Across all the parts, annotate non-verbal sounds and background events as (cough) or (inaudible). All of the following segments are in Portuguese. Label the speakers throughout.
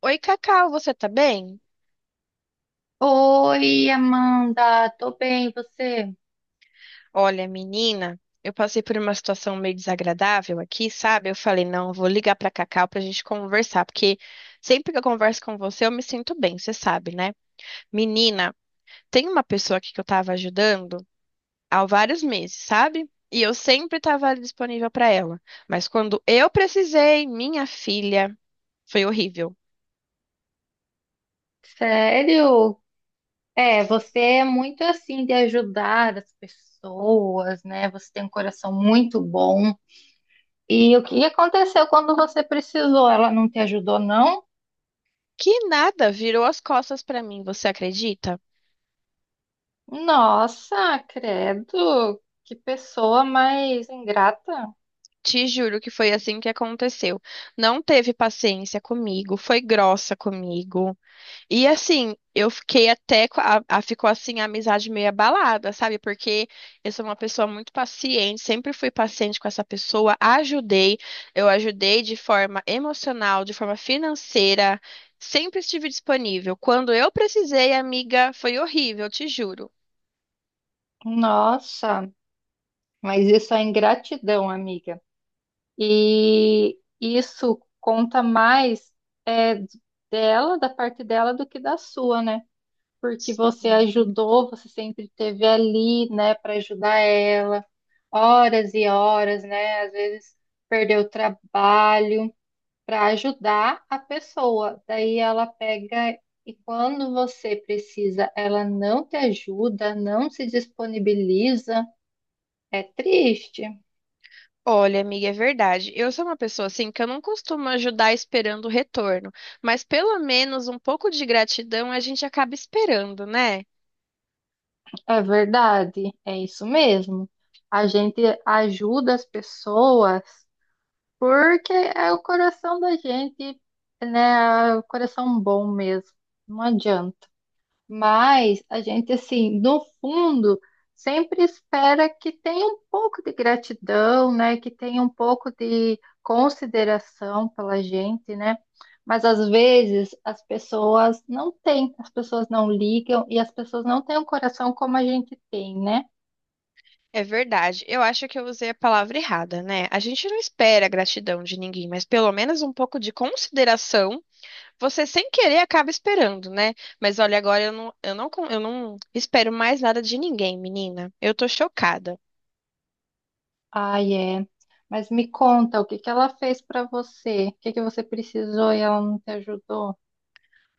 Speaker 1: Oi, Cacau, você tá bem?
Speaker 2: Oi, Amanda, tô bem, e você?
Speaker 1: Olha, menina, eu passei por uma situação meio desagradável aqui, sabe? Eu falei, não, eu vou ligar pra Cacau pra gente conversar, porque sempre que eu converso com você, eu me sinto bem, você sabe, né? Menina, tem uma pessoa aqui que eu tava ajudando há vários meses, sabe? E eu sempre tava ali disponível pra ela. Mas quando eu precisei, minha filha, foi horrível.
Speaker 2: Sério? É, você é muito assim de ajudar as pessoas, né? Você tem um coração muito bom. E o que aconteceu quando você precisou? Ela não te ajudou, não?
Speaker 1: Que nada, virou as costas pra mim, você acredita?
Speaker 2: Nossa, credo, que pessoa mais ingrata.
Speaker 1: Te juro que foi assim que aconteceu. Não teve paciência comigo, foi grossa comigo. E assim, eu fiquei até. Co- A, a- ficou assim a amizade meio abalada, sabe? Porque eu sou uma pessoa muito paciente, sempre fui paciente com essa pessoa, ajudei. Eu ajudei de forma emocional, de forma financeira, sempre estive disponível. Quando eu precisei, amiga, foi horrível, te juro.
Speaker 2: Nossa, mas isso é ingratidão, amiga. E isso conta mais é, dela, da parte dela, do que da sua, né? Porque você ajudou, você sempre esteve ali, né, para ajudar ela, horas e horas, né? Às vezes perdeu o trabalho para ajudar a pessoa. Daí ela pega e quando você precisa, ela não te ajuda, não se disponibiliza. É triste.
Speaker 1: Olha, amiga, é verdade. Eu sou uma pessoa assim que eu não costumo ajudar esperando o retorno, mas pelo menos um pouco de gratidão a gente acaba esperando, né?
Speaker 2: É verdade, é isso mesmo. A gente ajuda as pessoas porque é o coração da gente, né? É o coração bom mesmo. Não adianta. Mas a gente, assim, no fundo, sempre espera que tenha um pouco de gratidão, né? Que tenha um pouco de consideração pela gente, né? Mas às vezes as pessoas não têm, as pessoas não ligam e as pessoas não têm um coração como a gente tem, né?
Speaker 1: É verdade. Eu acho que eu usei a palavra errada, né? A gente não espera a gratidão de ninguém, mas pelo menos um pouco de consideração você sem querer acaba esperando, né? Mas olha, agora eu não espero mais nada de ninguém, menina. Eu tô chocada.
Speaker 2: Ai, é. Mas me conta, o que que ela fez pra você? O que que você precisou e ela não te ajudou?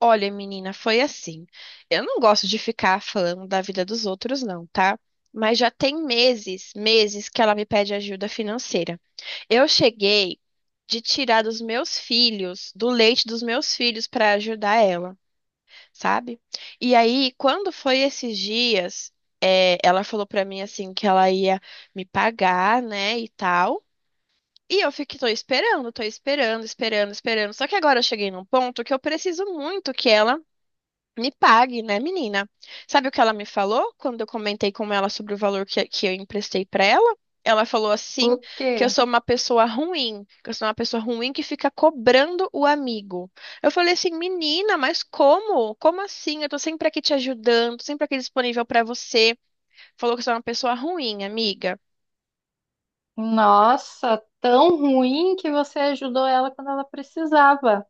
Speaker 1: Olha, menina, foi assim. Eu não gosto de ficar falando da vida dos outros, não, tá? Mas já tem meses, meses que ela me pede ajuda financeira. Eu cheguei de tirar dos meus filhos, do leite dos meus filhos, para ajudar ela, sabe? E aí, quando foi esses dias, ela falou para mim assim que ela ia me pagar, né, e tal. E eu fiquei, tô esperando, esperando, esperando. Só que agora eu cheguei num ponto que eu preciso muito que ela me pague, né, menina? Sabe o que ela me falou quando eu comentei com ela sobre o valor que eu emprestei pra ela? Ela falou
Speaker 2: O
Speaker 1: assim que eu
Speaker 2: quê?
Speaker 1: sou uma pessoa ruim, que eu sou uma pessoa ruim que fica cobrando o amigo. Eu falei assim, menina, mas como? Como assim? Eu tô sempre aqui te ajudando, tô sempre aqui disponível pra você. Falou que eu sou uma pessoa ruim, amiga.
Speaker 2: Nossa, tão ruim que você ajudou ela quando ela precisava.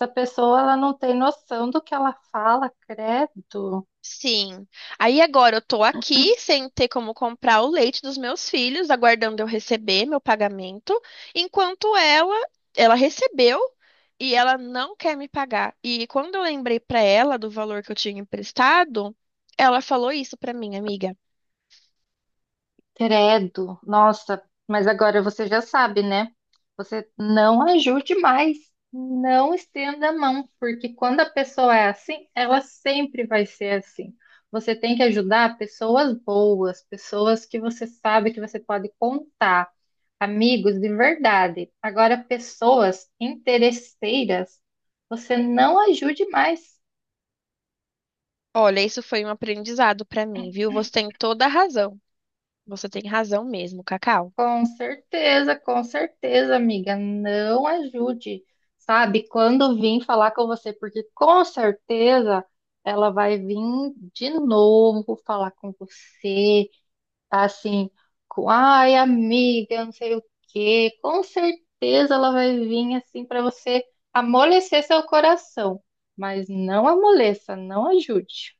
Speaker 2: Essa pessoa, ela não tem noção do que ela fala, credo.
Speaker 1: Sim. Aí agora eu tô aqui sem ter como comprar o leite dos meus filhos, aguardando eu receber meu pagamento, enquanto ela, ela recebeu e ela não quer me pagar. E quando eu lembrei pra ela do valor que eu tinha emprestado, ela falou isso pra mim, amiga.
Speaker 2: Credo, nossa, mas agora você já sabe, né? Você não ajude mais, não estenda a mão, porque quando a pessoa é assim, ela sempre vai ser assim. Você tem que ajudar pessoas boas, pessoas que você sabe que você pode contar, amigos de verdade. Agora, pessoas interesseiras, você não ajude mais.
Speaker 1: Olha, isso foi um aprendizado pra mim, viu? Você tem toda a razão. Você tem razão mesmo, Cacau.
Speaker 2: Com certeza, amiga. Não ajude, sabe? Quando vim falar com você, porque com certeza ela vai vir de novo falar com você, tá assim, com, ai, amiga, não sei o quê. Com certeza ela vai vir assim para você amolecer seu coração, mas não amoleça, não ajude.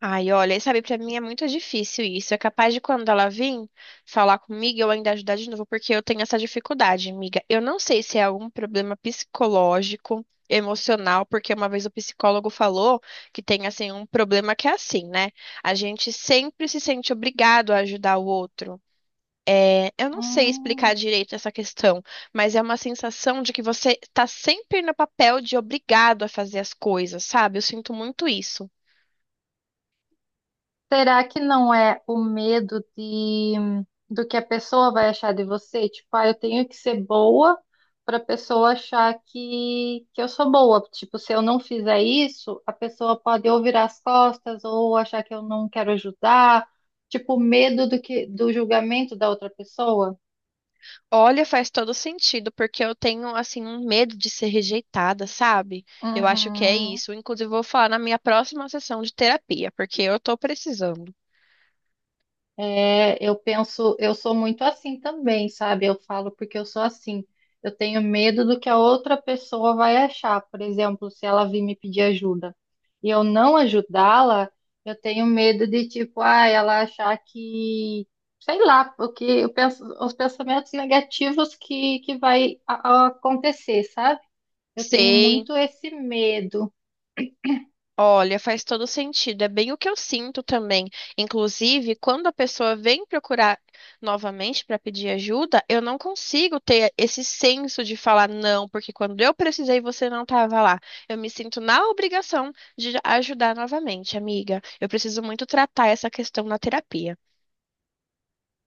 Speaker 1: Ai, olha, sabe, pra mim é muito difícil isso. É capaz de quando ela vir falar comigo, eu ainda ajudar de novo, porque eu tenho essa dificuldade, amiga. Eu não sei se é algum problema psicológico, emocional, porque uma vez o psicólogo falou que tem, assim, um problema que é assim, né? A gente sempre se sente obrigado a ajudar o outro. Eu não sei explicar
Speaker 2: Hum.
Speaker 1: direito essa questão, mas é uma sensação de que você tá sempre no papel de obrigado a fazer as coisas, sabe? Eu sinto muito isso.
Speaker 2: Será que não é o medo de do que a pessoa vai achar de você? Tipo, ah, eu tenho que ser boa para a pessoa achar que eu sou boa. Tipo, se eu não fizer isso, a pessoa pode ou virar as costas ou achar que eu não quero ajudar. Tipo, medo do que do julgamento da outra pessoa.
Speaker 1: Olha, faz todo sentido, porque eu tenho, assim, um medo de ser rejeitada, sabe? Eu acho que é
Speaker 2: Uhum.
Speaker 1: isso. Inclusive, eu vou falar na minha próxima sessão de terapia, porque eu tô precisando.
Speaker 2: É, eu penso, eu sou muito assim também, sabe? Eu falo porque eu sou assim. Eu tenho medo do que a outra pessoa vai achar, por exemplo, se ela vir me pedir ajuda e eu não ajudá-la, eu tenho medo de tipo, ah, ela achar que, sei lá, porque eu penso, os pensamentos negativos que vai acontecer, sabe? Eu tenho
Speaker 1: Ser
Speaker 2: muito esse medo.
Speaker 1: Olha, faz todo sentido. É bem o que eu sinto também. Inclusive, quando a pessoa vem procurar novamente para pedir ajuda, eu não consigo ter esse senso de falar não, porque quando eu precisei, você não estava lá. Eu me sinto na obrigação de ajudar novamente, amiga. Eu preciso muito tratar essa questão na terapia.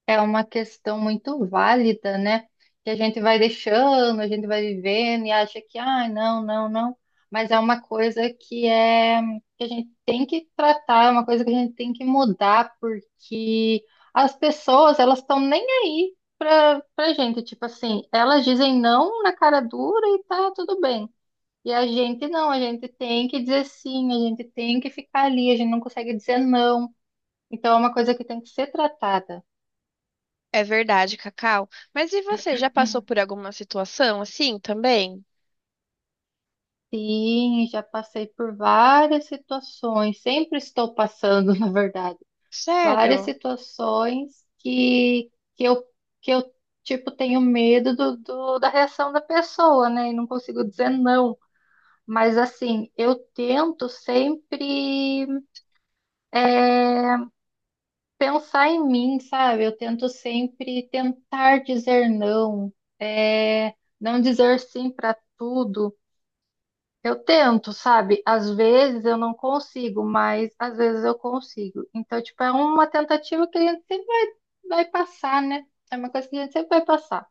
Speaker 2: É uma questão muito válida, né? Que a gente vai deixando, a gente vai vivendo e acha que, ah, não, não, não. Mas é uma coisa que a gente tem que tratar, é uma coisa que a gente tem que mudar, porque as pessoas, elas estão nem aí pra gente. Tipo assim, elas dizem não na cara dura e tá tudo bem. E a gente não, a gente tem que dizer sim, a gente tem que ficar ali, a gente não consegue dizer não. Então é uma coisa que tem que ser tratada.
Speaker 1: É verdade, Cacau. Mas e você já passou por alguma situação assim também?
Speaker 2: Sim, já passei por várias situações, sempre estou passando, (laughs) na verdade, várias
Speaker 1: Sério?
Speaker 2: situações que eu, tipo, tenho medo do, da reação da pessoa, né? E não consigo dizer não. Mas, assim, eu tento sempre eh, pensar em mim, sabe? Eu tento sempre tentar dizer não, é, não dizer sim para tudo. Eu tento, sabe? Às vezes eu não consigo, mas às vezes eu consigo. Então, tipo, é uma tentativa que a gente sempre vai passar, né? É uma coisa que a gente sempre vai passar.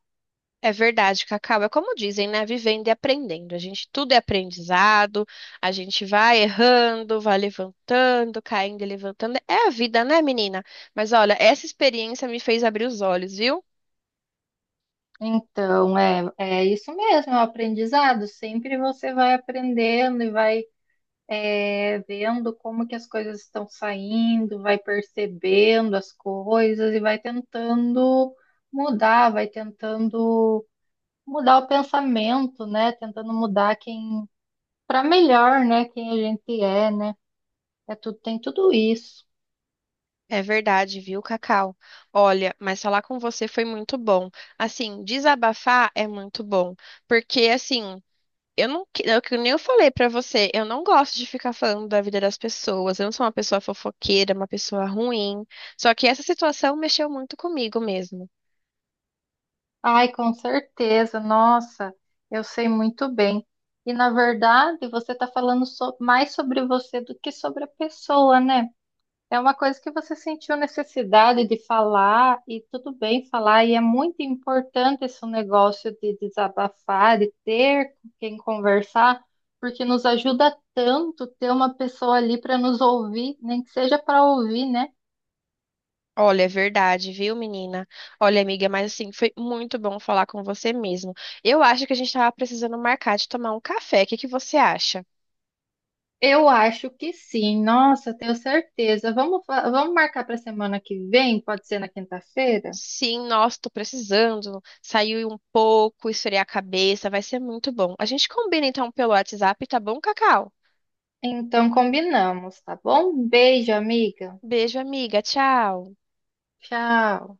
Speaker 1: É verdade, Cacau. É como dizem, né? Vivendo e aprendendo. A gente tudo é aprendizado, a gente vai errando, vai levantando, caindo e levantando. É a vida, né, menina? Mas olha, essa experiência me fez abrir os olhos, viu?
Speaker 2: Então, é, é isso mesmo, é um aprendizado. Sempre você vai aprendendo e vai vendo como que as coisas estão saindo, vai percebendo as coisas e vai tentando mudar o pensamento, né? Tentando mudar quem para melhor, né? Quem a gente é, né? É tudo, tem tudo isso.
Speaker 1: É verdade, viu, Cacau? Olha, mas falar com você foi muito bom. Assim, desabafar é muito bom, porque assim. Eu não, que- é o que nem eu falei pra você, eu não gosto de ficar falando da vida das pessoas. Eu não sou uma pessoa fofoqueira, uma pessoa ruim. Só que essa situação mexeu muito comigo mesmo.
Speaker 2: Ai, com certeza, nossa, eu sei muito bem. E na verdade, você está falando mais sobre você do que sobre a pessoa, né? É uma coisa que você sentiu necessidade de falar, e tudo bem falar, e é muito importante esse negócio de desabafar, de ter com quem conversar, porque nos ajuda tanto ter uma pessoa ali para nos ouvir, nem que seja para ouvir, né?
Speaker 1: Olha, é verdade, viu, menina? Olha, amiga, mas assim, foi muito bom falar com você mesmo. Eu acho que a gente tava precisando marcar de tomar um café. O que que você acha?
Speaker 2: Eu acho que sim. Nossa, tenho certeza. Vamos, vamos marcar para semana que vem? Pode ser na quinta-feira?
Speaker 1: Sim, nossa, tô precisando. Saiu um pouco, esfriar a cabeça, vai ser muito bom. A gente combina então pelo WhatsApp, tá bom, Cacau?
Speaker 2: Então combinamos, tá bom? Beijo, amiga.
Speaker 1: Beijo, amiga. Tchau.
Speaker 2: Tchau.